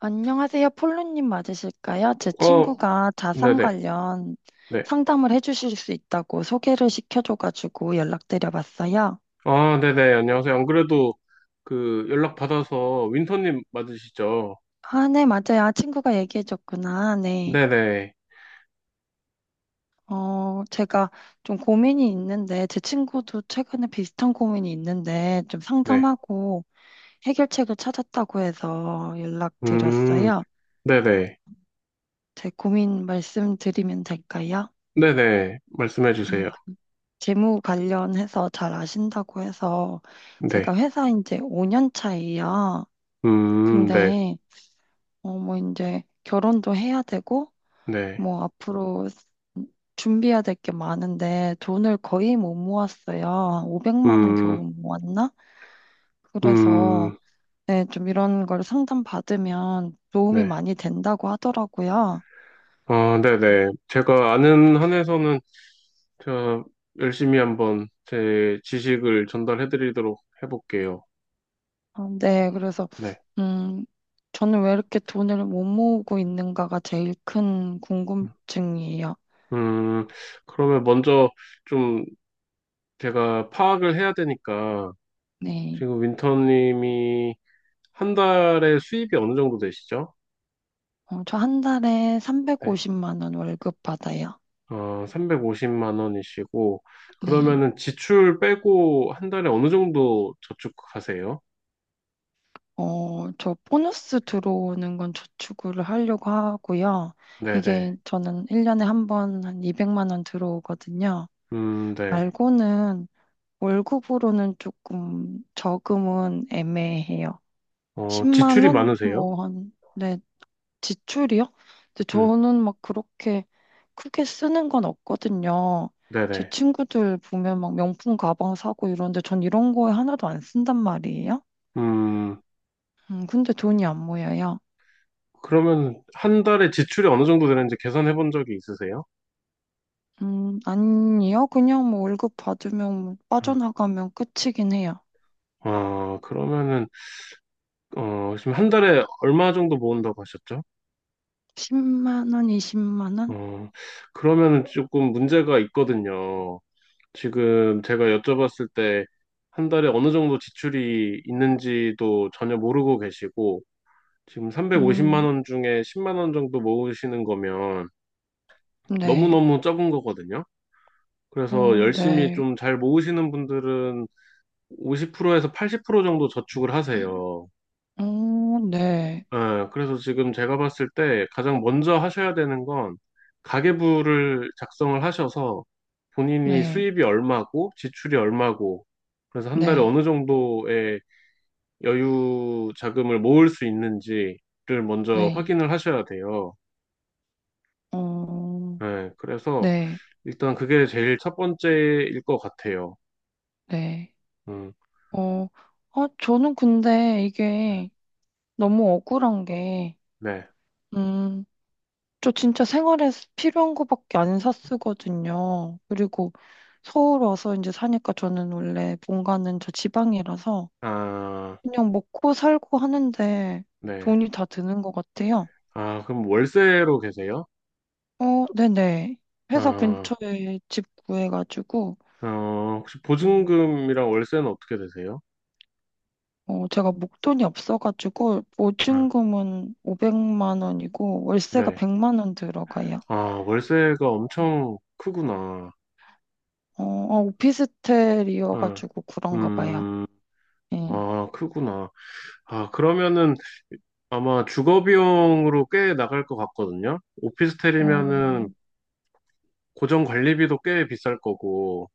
안녕하세요. 폴로님 맞으실까요? 제 어, 친구가 자산 네네, 관련 네. 상담을 해주실 수 있다고 소개를 시켜줘가지고 연락드려봤어요. 아, 네네, 안녕하세요. 안 그래도 그 연락 받아서 윈터님 맞으시죠? 아, 네, 맞아요. 아, 친구가 얘기해줬구나. 네. 네네, 제가 좀 고민이 있는데, 제 친구도 최근에 비슷한 고민이 있는데, 좀 네. 상담하고 해결책을 찾았다고 해서 음, 연락드렸어요. 네네, 제 고민 말씀드리면 될까요? 네네, 말씀해 네, 주세요. 그 재무 관련해서 잘 아신다고 해서 제가 네. 회사 이제 5년 차예요. 네, 근데 뭐 이제 결혼도 해야 되고 네. 뭐 앞으로 준비해야 될 게 많은데 돈을 거의 못 모았어요. 500만 원 음, 겨우 모았나? 그래서 음, 네, 좀 이런 걸 상담 받으면 도움이 네. 많이 된다고 하더라고요. 아, 네네. 제가 아는 한에서는 제가 열심히 한번 제 지식을 전달해 드리도록 해볼게요. 아, 네, 그래서, 네. 음, 저는 왜 이렇게 돈을 못 모으고 있는가가 제일 큰 궁금증이에요. 음, 그러면 먼저 좀 제가 파악을 해야 되니까 네. 지금 윈터님이 한 달에 수입이 어느 정도 되시죠? 저 한 달에 네. 350만 원 월급 받아요. 350만 원이시고 네. 그러면은 지출 빼고 한 달에 어느 정도 저축하세요? 저 보너스 들어오는 건 저축을 하려고 하고요. 이게 네네. 저는 1년에 한 번 한 200만 원 들어오거든요. 네. 말고는 월급으로는 조금 저금은 애매해요. 10만 지출이 원? 많으세요? 뭐 네, 지출이요? 근데 음, 저는 막 그렇게 크게 쓰는 건 없거든요. 제 네네. 친구들 보면 막 명품 가방 사고 이러는데 전 이런 거에 하나도 안 쓴단 말이에요. 음, 근데 돈이 안 모여요. 그러면 한 달에 지출이 어느 정도 되는지 계산해 본 적이 있으세요? 아니요. 그냥 뭐 월급 받으면 뭐 음. 빠져나가면 끝이긴 해요. 그러면은 지금 한 달에 얼마 정도 모은다고 하셨죠? 10만 원, 20만 원? 어, 그러면은 조금 문제가 있거든요. 지금 제가 여쭤봤을 때 한 달에 어느 정도 지출이 있는지도 전혀 모르고 계시고, 지금 350만 음, 원 중에 10만 원 정도 모으시는 거면 네. 너무너무 적은 거거든요. 그래서 열심히 네. 좀 잘 모으시는 분들은 50%에서 80% 정도 저축을 하세요. 어, 네. 예, 그래서 지금 제가 봤을 때 가장 먼저 하셔야 되는 건 가계부를 작성을 하셔서 본인이 네. 수입이 얼마고 지출이 얼마고 그래서 한 달에 네. 어느 정도의 여유 자금을 모을 수 있는지를 먼저 네. 확인을 하셔야 돼요. 어, 예, 그래서 네. 일단 그게 제일 첫 번째일 것 같아요. 네. 음, 어, 아, 저는 근데 이게 너무 억울한 게, 네. 음, 저 진짜 생활에 필요한 거밖에 안 샀거든요. 그리고 서울 와서 이제 사니까 저는 원래 본가는 저 지방이라서 아, 그냥 먹고 살고 하는데 네. 돈이 다 드는 것 같아요. 아, 그럼 월세로 계세요? 네네. 회사 아, 근처에 집 구해가지고, 어, 혹시 음. 보증금이랑 월세는 어떻게 되세요? 제가 목돈이 없어가지고 응, 보증금은 500만 원이고 월세가 네. 100만 원 들어가요. 아, 월세가 엄청 크구나. 응, 오피스텔이어가지고 그런가 봐요. 음, 예. 아, 크구나. 아, 그러면은 아마 주거 비용으로 꽤 나갈 것 같거든요. 오피스텔이면은 어, 고정 관리비도 꽤 비쌀 거고,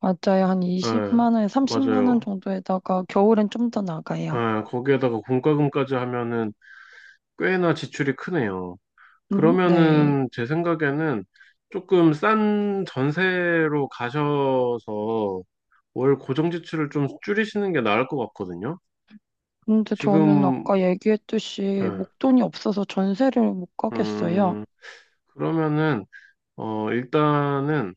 맞아요. 한 예, 20만 원, 30만 원 맞아요. 정도에다가 겨울엔 좀 더 나가요. 예, 거기에다가 공과금까지 하면은 꽤나 지출이 크네요. 네. 그러면은 제 생각에는 조금 싼 전세로 가셔서 월 고정 지출을 좀 줄이시는 게 나을 것 같거든요. 근데 저는 지금, 아까 얘기했듯이 예, 목돈이 없어서 전세를 못 가겠어요. 음, 그러면은, 일단은,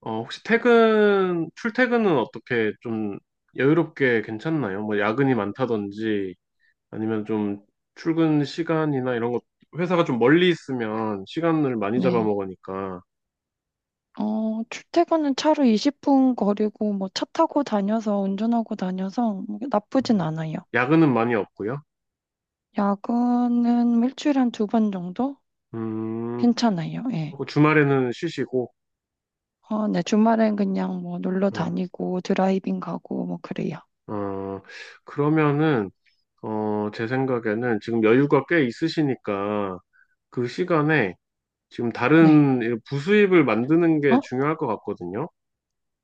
혹시 퇴근, 출퇴근은 어떻게 좀 여유롭게 괜찮나요? 뭐 야근이 많다든지, 아니면 좀 출근 시간이나 이런 것, 회사가 좀 멀리 있으면 시간을 많이 네. 잡아먹으니까, 출퇴근은 차로 20분 거리고 뭐 차 타고 다녀서 운전하고 다녀서 나쁘진 음, 않아요. 야근은 많이 없고요. 야근은 일주일에 한 두 번 정도? 음, 괜찮아요. 예. 그리고 주말에는 쉬시고, 네, 주말엔 그냥 뭐 놀러 어, 다니고 드라이빙 가고 뭐 그래요. 어, 그러면은, 제 생각에는 지금 여유가 꽤 있으시니까 그 시간에 지금 네. 다른 부수입을 만드는 게 어? 중요할 것 같거든요.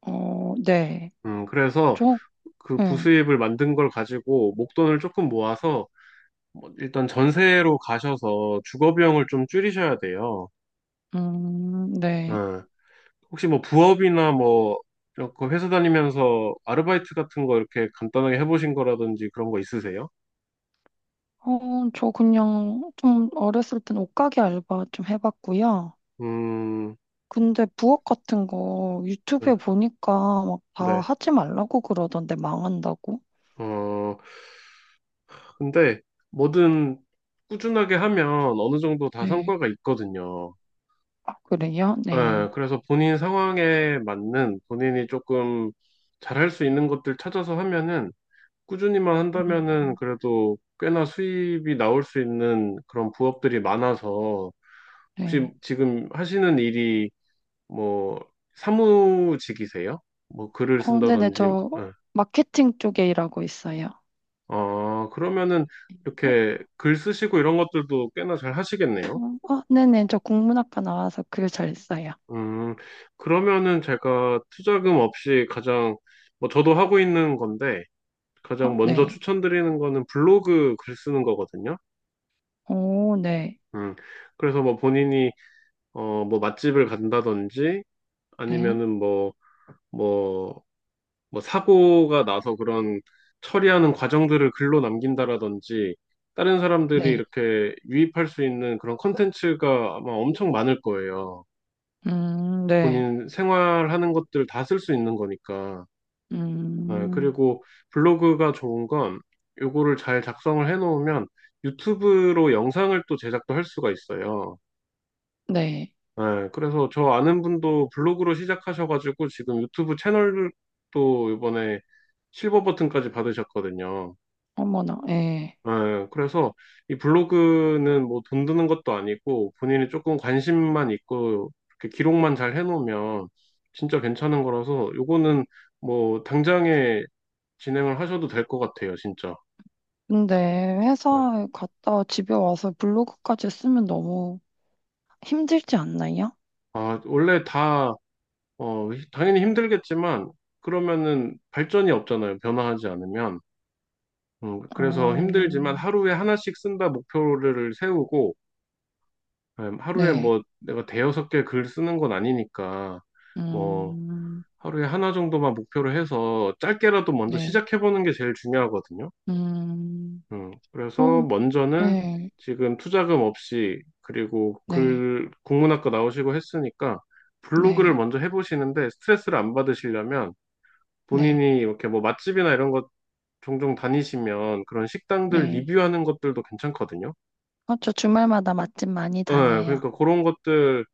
네. 그래서 저, 그 응. 부수입을 만든 걸 가지고 목돈을 조금 모아서 뭐 일단 전세로 가셔서 주거 비용을 좀 줄이셔야 돼요. 네. 어, 혹시 뭐 부업이나 뭐 이렇게 회사 다니면서 아르바이트 같은 거 이렇게 간단하게 해보신 거라든지 그런 거 있으세요? 저 그냥 좀 어렸을 땐 옷가게 알바 좀 해봤고요. 음, 근데 부업 같은 거 네. 유튜브에 보니까 막 다 네. 하지 말라고 그러던데 망한다고. 어, 근데 뭐든 꾸준하게 하면 어느 정도 다 네. 성과가 있거든요. 아, 그래요? 예, 네. 그래서 본인 상황에 맞는 본인이 조금 잘할 수 있는 것들 찾아서 하면은 꾸준히만 음, 한다면은 그래도 꽤나 수입이 나올 수 있는 그런 부업들이 많아서 혹시 네. 지금 하시는 일이 뭐 사무직이세요? 뭐 글을 네네. 쓴다든지, 저 예. 마케팅 쪽에 일하고 있어요. 아, 그러면은 이렇게 글 쓰시고 이런 것들도 꽤나 잘 하시겠네요. 네네. 저 국문학과 나와서 글 잘 써요. 음, 그러면은 제가 투자금 없이 가장, 뭐 저도 하고 있는 건데, 가장 먼저 네. 추천드리는 거는 블로그 글 쓰는 거거든요. 오, 네. 음, 그래서 뭐 본인이, 뭐 맛집을 간다든지, 네. 아니면은 뭐, 뭐 사고가 나서 그런 처리하는 과정들을 글로 남긴다라든지, 다른 사람들이 네. 이렇게 유입할 수 있는 그런 컨텐츠가 아마 엄청 많을 거예요. 네. 본인 생활하는 것들 다 쓸 수 있는 거니까. 네, 음, 그리고 블로그가 좋은 건 요거를 잘 작성을 해놓으면 유튜브로 영상을 또 제작도 할 수가 있어요. 네. 네, 그래서 저 아는 분도 블로그로 시작하셔가지고 지금 유튜브 채널도 이번에 실버 버튼까지 받으셨거든요. 어머나, 예. 네, 그래서 이 블로그는 뭐 돈 드는 것도 아니고 본인이 조금 관심만 있고 이렇게 기록만 잘 해놓으면 진짜 괜찮은 거라서 요거는 뭐 당장에 진행을 하셔도 될 것 같아요, 진짜. 근데 회사에 갔다 집에 와서 블로그까지 쓰면 너무 힘들지 않나요? 아, 원래 다, 당연히 힘들겠지만, 그러면은 발전이 없잖아요. 변화하지 않으면. 그래서 어, 힘들지만 하루에 하나씩 쓴다 목표를 세우고, 하루에 네. 뭐 내가 대여섯 개 글 쓰는 건 아니니까, 뭐 음, 하루에 하나 정도만 목표를 해서 짧게라도 먼저 네. 시작해보는 게 제일 중요하거든요. 음, 그래서 그럼, 먼저는 네. 지금 투자금 없이 그리고 네. 글 국문학과 나오시고 했으니까 블로그를 네. 먼저 해보시는데 스트레스를 안 받으시려면 네. 본인이 이렇게 뭐 맛집이나 이런 것 종종 다니시면 그런 식당들 네. 리뷰하는 것들도 괜찮거든요. 저 주말마다 맛집 많이 네, 다녀요. 그러니까 그런 것들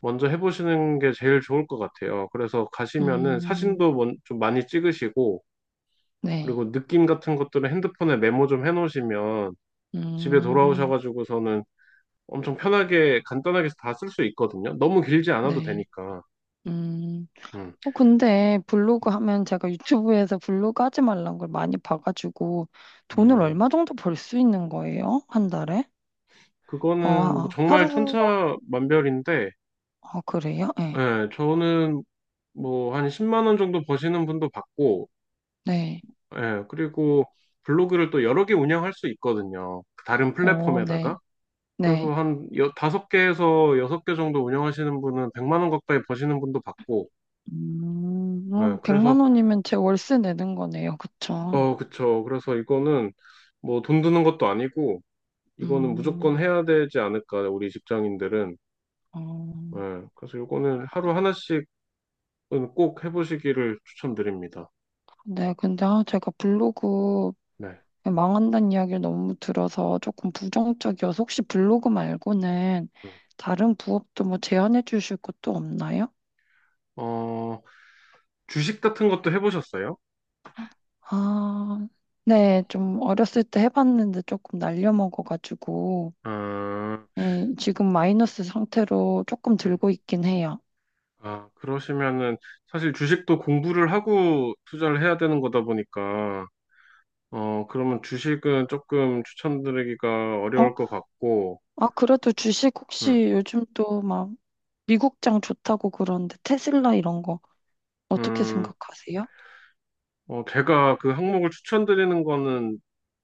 먼저 해보시는 게 제일 좋을 것 같아요. 그래서 가시면은 음, 사진도 좀 많이 찍으시고 네. 그리고 느낌 같은 것들은 핸드폰에 메모 좀 해놓으시면 집에 음, 돌아오셔가지고서는 엄청 편하게 간단하게 다 쓸 수 있거든요. 너무 길지 않아도 네. 되니까. 음, 음, 근데 블로그 하면 제가 유튜브에서 블로그 하지 말란 걸 많이 봐가지고 돈을 음, 얼마 정도 벌 수 있는 거예요? 한 달에? 그거는 뭐 아, 정말 천차만별인데, 그래요? 네. 예, 저는 뭐 한 10만 원 정도 버시는 분도 봤고, 네. 예, 그리고 블로그를 또 여러 개 운영할 수 있거든요. 그 다른 네. 플랫폼에다가. 그래서 네. 한 다섯 개에서 여섯 개 정도 운영하시는 분은 100만 원 가까이 버시는 분도 봤고, 예, 100만 그래서, 원이면 제 월세 내는 거네요. 그쵸? 그쵸. 그래서 이거는 뭐 돈 드는 것도 아니고, 이거는 음, 무조건 해야 되지 않을까, 우리 직장인들은. 어, 예, 그래서 이거는 하루 하나씩은 꼭 해보시기를 추천드립니다. 네. 근데 아, 제가 블로그 네. 망한다는 이야기를 너무 들어서 조금 부정적이어서 혹시 블로그 말고는 음. 다른 부업도 뭐 제안해 주실 것도 없나요? 어, 주식 같은 것도 해보셨어요? 아, 네, 좀 어렸을 때 해봤는데 조금 날려먹어가지고, 아, 예, 지금 마이너스 상태로 조금 들고 있긴 해요. 아, 그러시면은 사실 주식도 공부를 하고 투자를 해야 되는 거다 보니까, 그러면 주식은 조금 추천드리기가 어? 어려울 것 같고, 아, 그래도 주식 음, 혹시 요즘 또 막 미국장 좋다고 그러는데 테슬라 이런 거 어떻게 음, 생각하세요? 제가 그 항목을 추천드리는 거는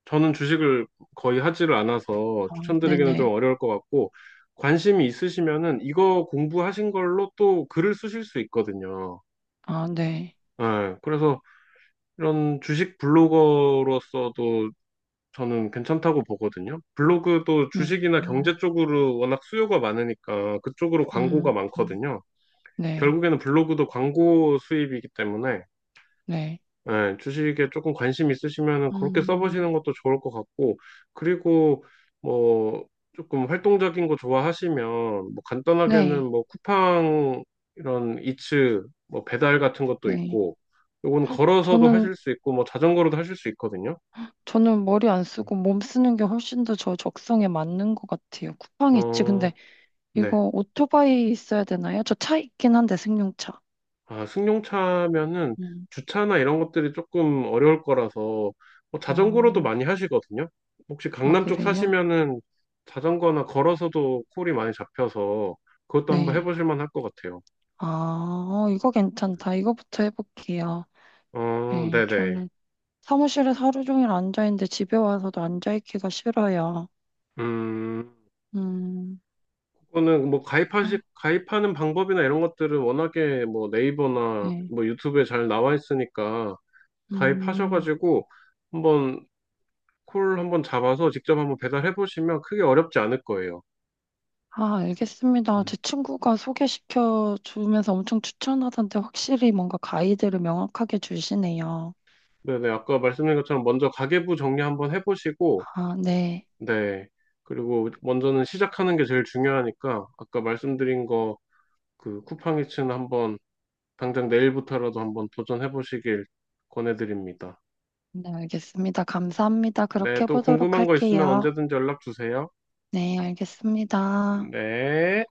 저는 주식을 거의 하지를 않아서 아, 추천드리기는 좀 네네. 어려울 것 같고 관심이 있으시면은 이거 공부하신 걸로 또 글을 쓰실 수 있거든요. 아, 네. 예, 그래서 이런 주식 블로거로서도 저는 괜찮다고 보거든요. 블로그도 음, 주식이나 음, 경제 쪽으로 워낙 수요가 많으니까 그쪽으로 광고가 음, 음, 많거든요. 네. 결국에는 블로그도 광고 수입이기 때문에 네. 예, 주식에 조금 관심 있으시면은 그렇게 음, 써보시는 것도 좋을 것 같고, 그리고 뭐 조금 활동적인 거 좋아하시면 뭐 간단하게는 네. 뭐 쿠팡 이런 이츠 뭐 배달 같은 것도 네. 있고, 요건 걸어서도 저는, 하실 수 있고, 뭐 자전거로도 하실 수 있거든요. 저는 머리 안 쓰고 몸 쓰는 게 훨씬 더 저 적성에 맞는 것 같아요. 쿠팡 있지. 근데 어, 네. 이거 오토바이 있어야 되나요? 저 차 있긴 한데, 승용차. 아, 승용차면은 음, 주차나 이런 것들이 조금 어려울 거라서 뭐 어, 자전거로도 많이 하시거든요. 혹시 아, 강남 쪽 그래요? 사시면은 자전거나 걸어서도 콜이 많이 잡혀서 그것도 한번 네. 해보실 만할 것 같아요. 아, 이거 괜찮다. 이거부터 해볼게요. 어, 네, 네네. 저는 사무실에서 하루 종일 앉아있는데 집에 와서도 앉아있기가 싫어요. 음, 음, 그거는 뭐 어, 가입하는 방법이나 이런 것들은 워낙에 뭐 네이버나 네. 뭐 유튜브에 잘 나와 있으니까 음. 가입하셔가지고 한번 콜 한번 잡아서 직접 한번 배달해 보시면 크게 어렵지 않을 거예요. 아, 알겠습니다. 음. 제 친구가 소개시켜 주면서 엄청 추천하던데 확실히 뭔가 가이드를 명확하게 주시네요. 네네, 아까 말씀드린 것처럼 먼저 가계부 정리 한번 해보시고, 아, 네. 네. 그리고 먼저는 시작하는 게 제일 중요하니까, 아까 말씀드린 거, 그 쿠팡이츠는 한번, 당장 내일부터라도 한번 도전해보시길 권해드립니다. 네, 알겠습니다. 감사합니다. 그렇게 네, 또 해보도록 궁금한 거 있으면 할게요. 언제든지 연락 주세요. 네, 알겠습니다. 네.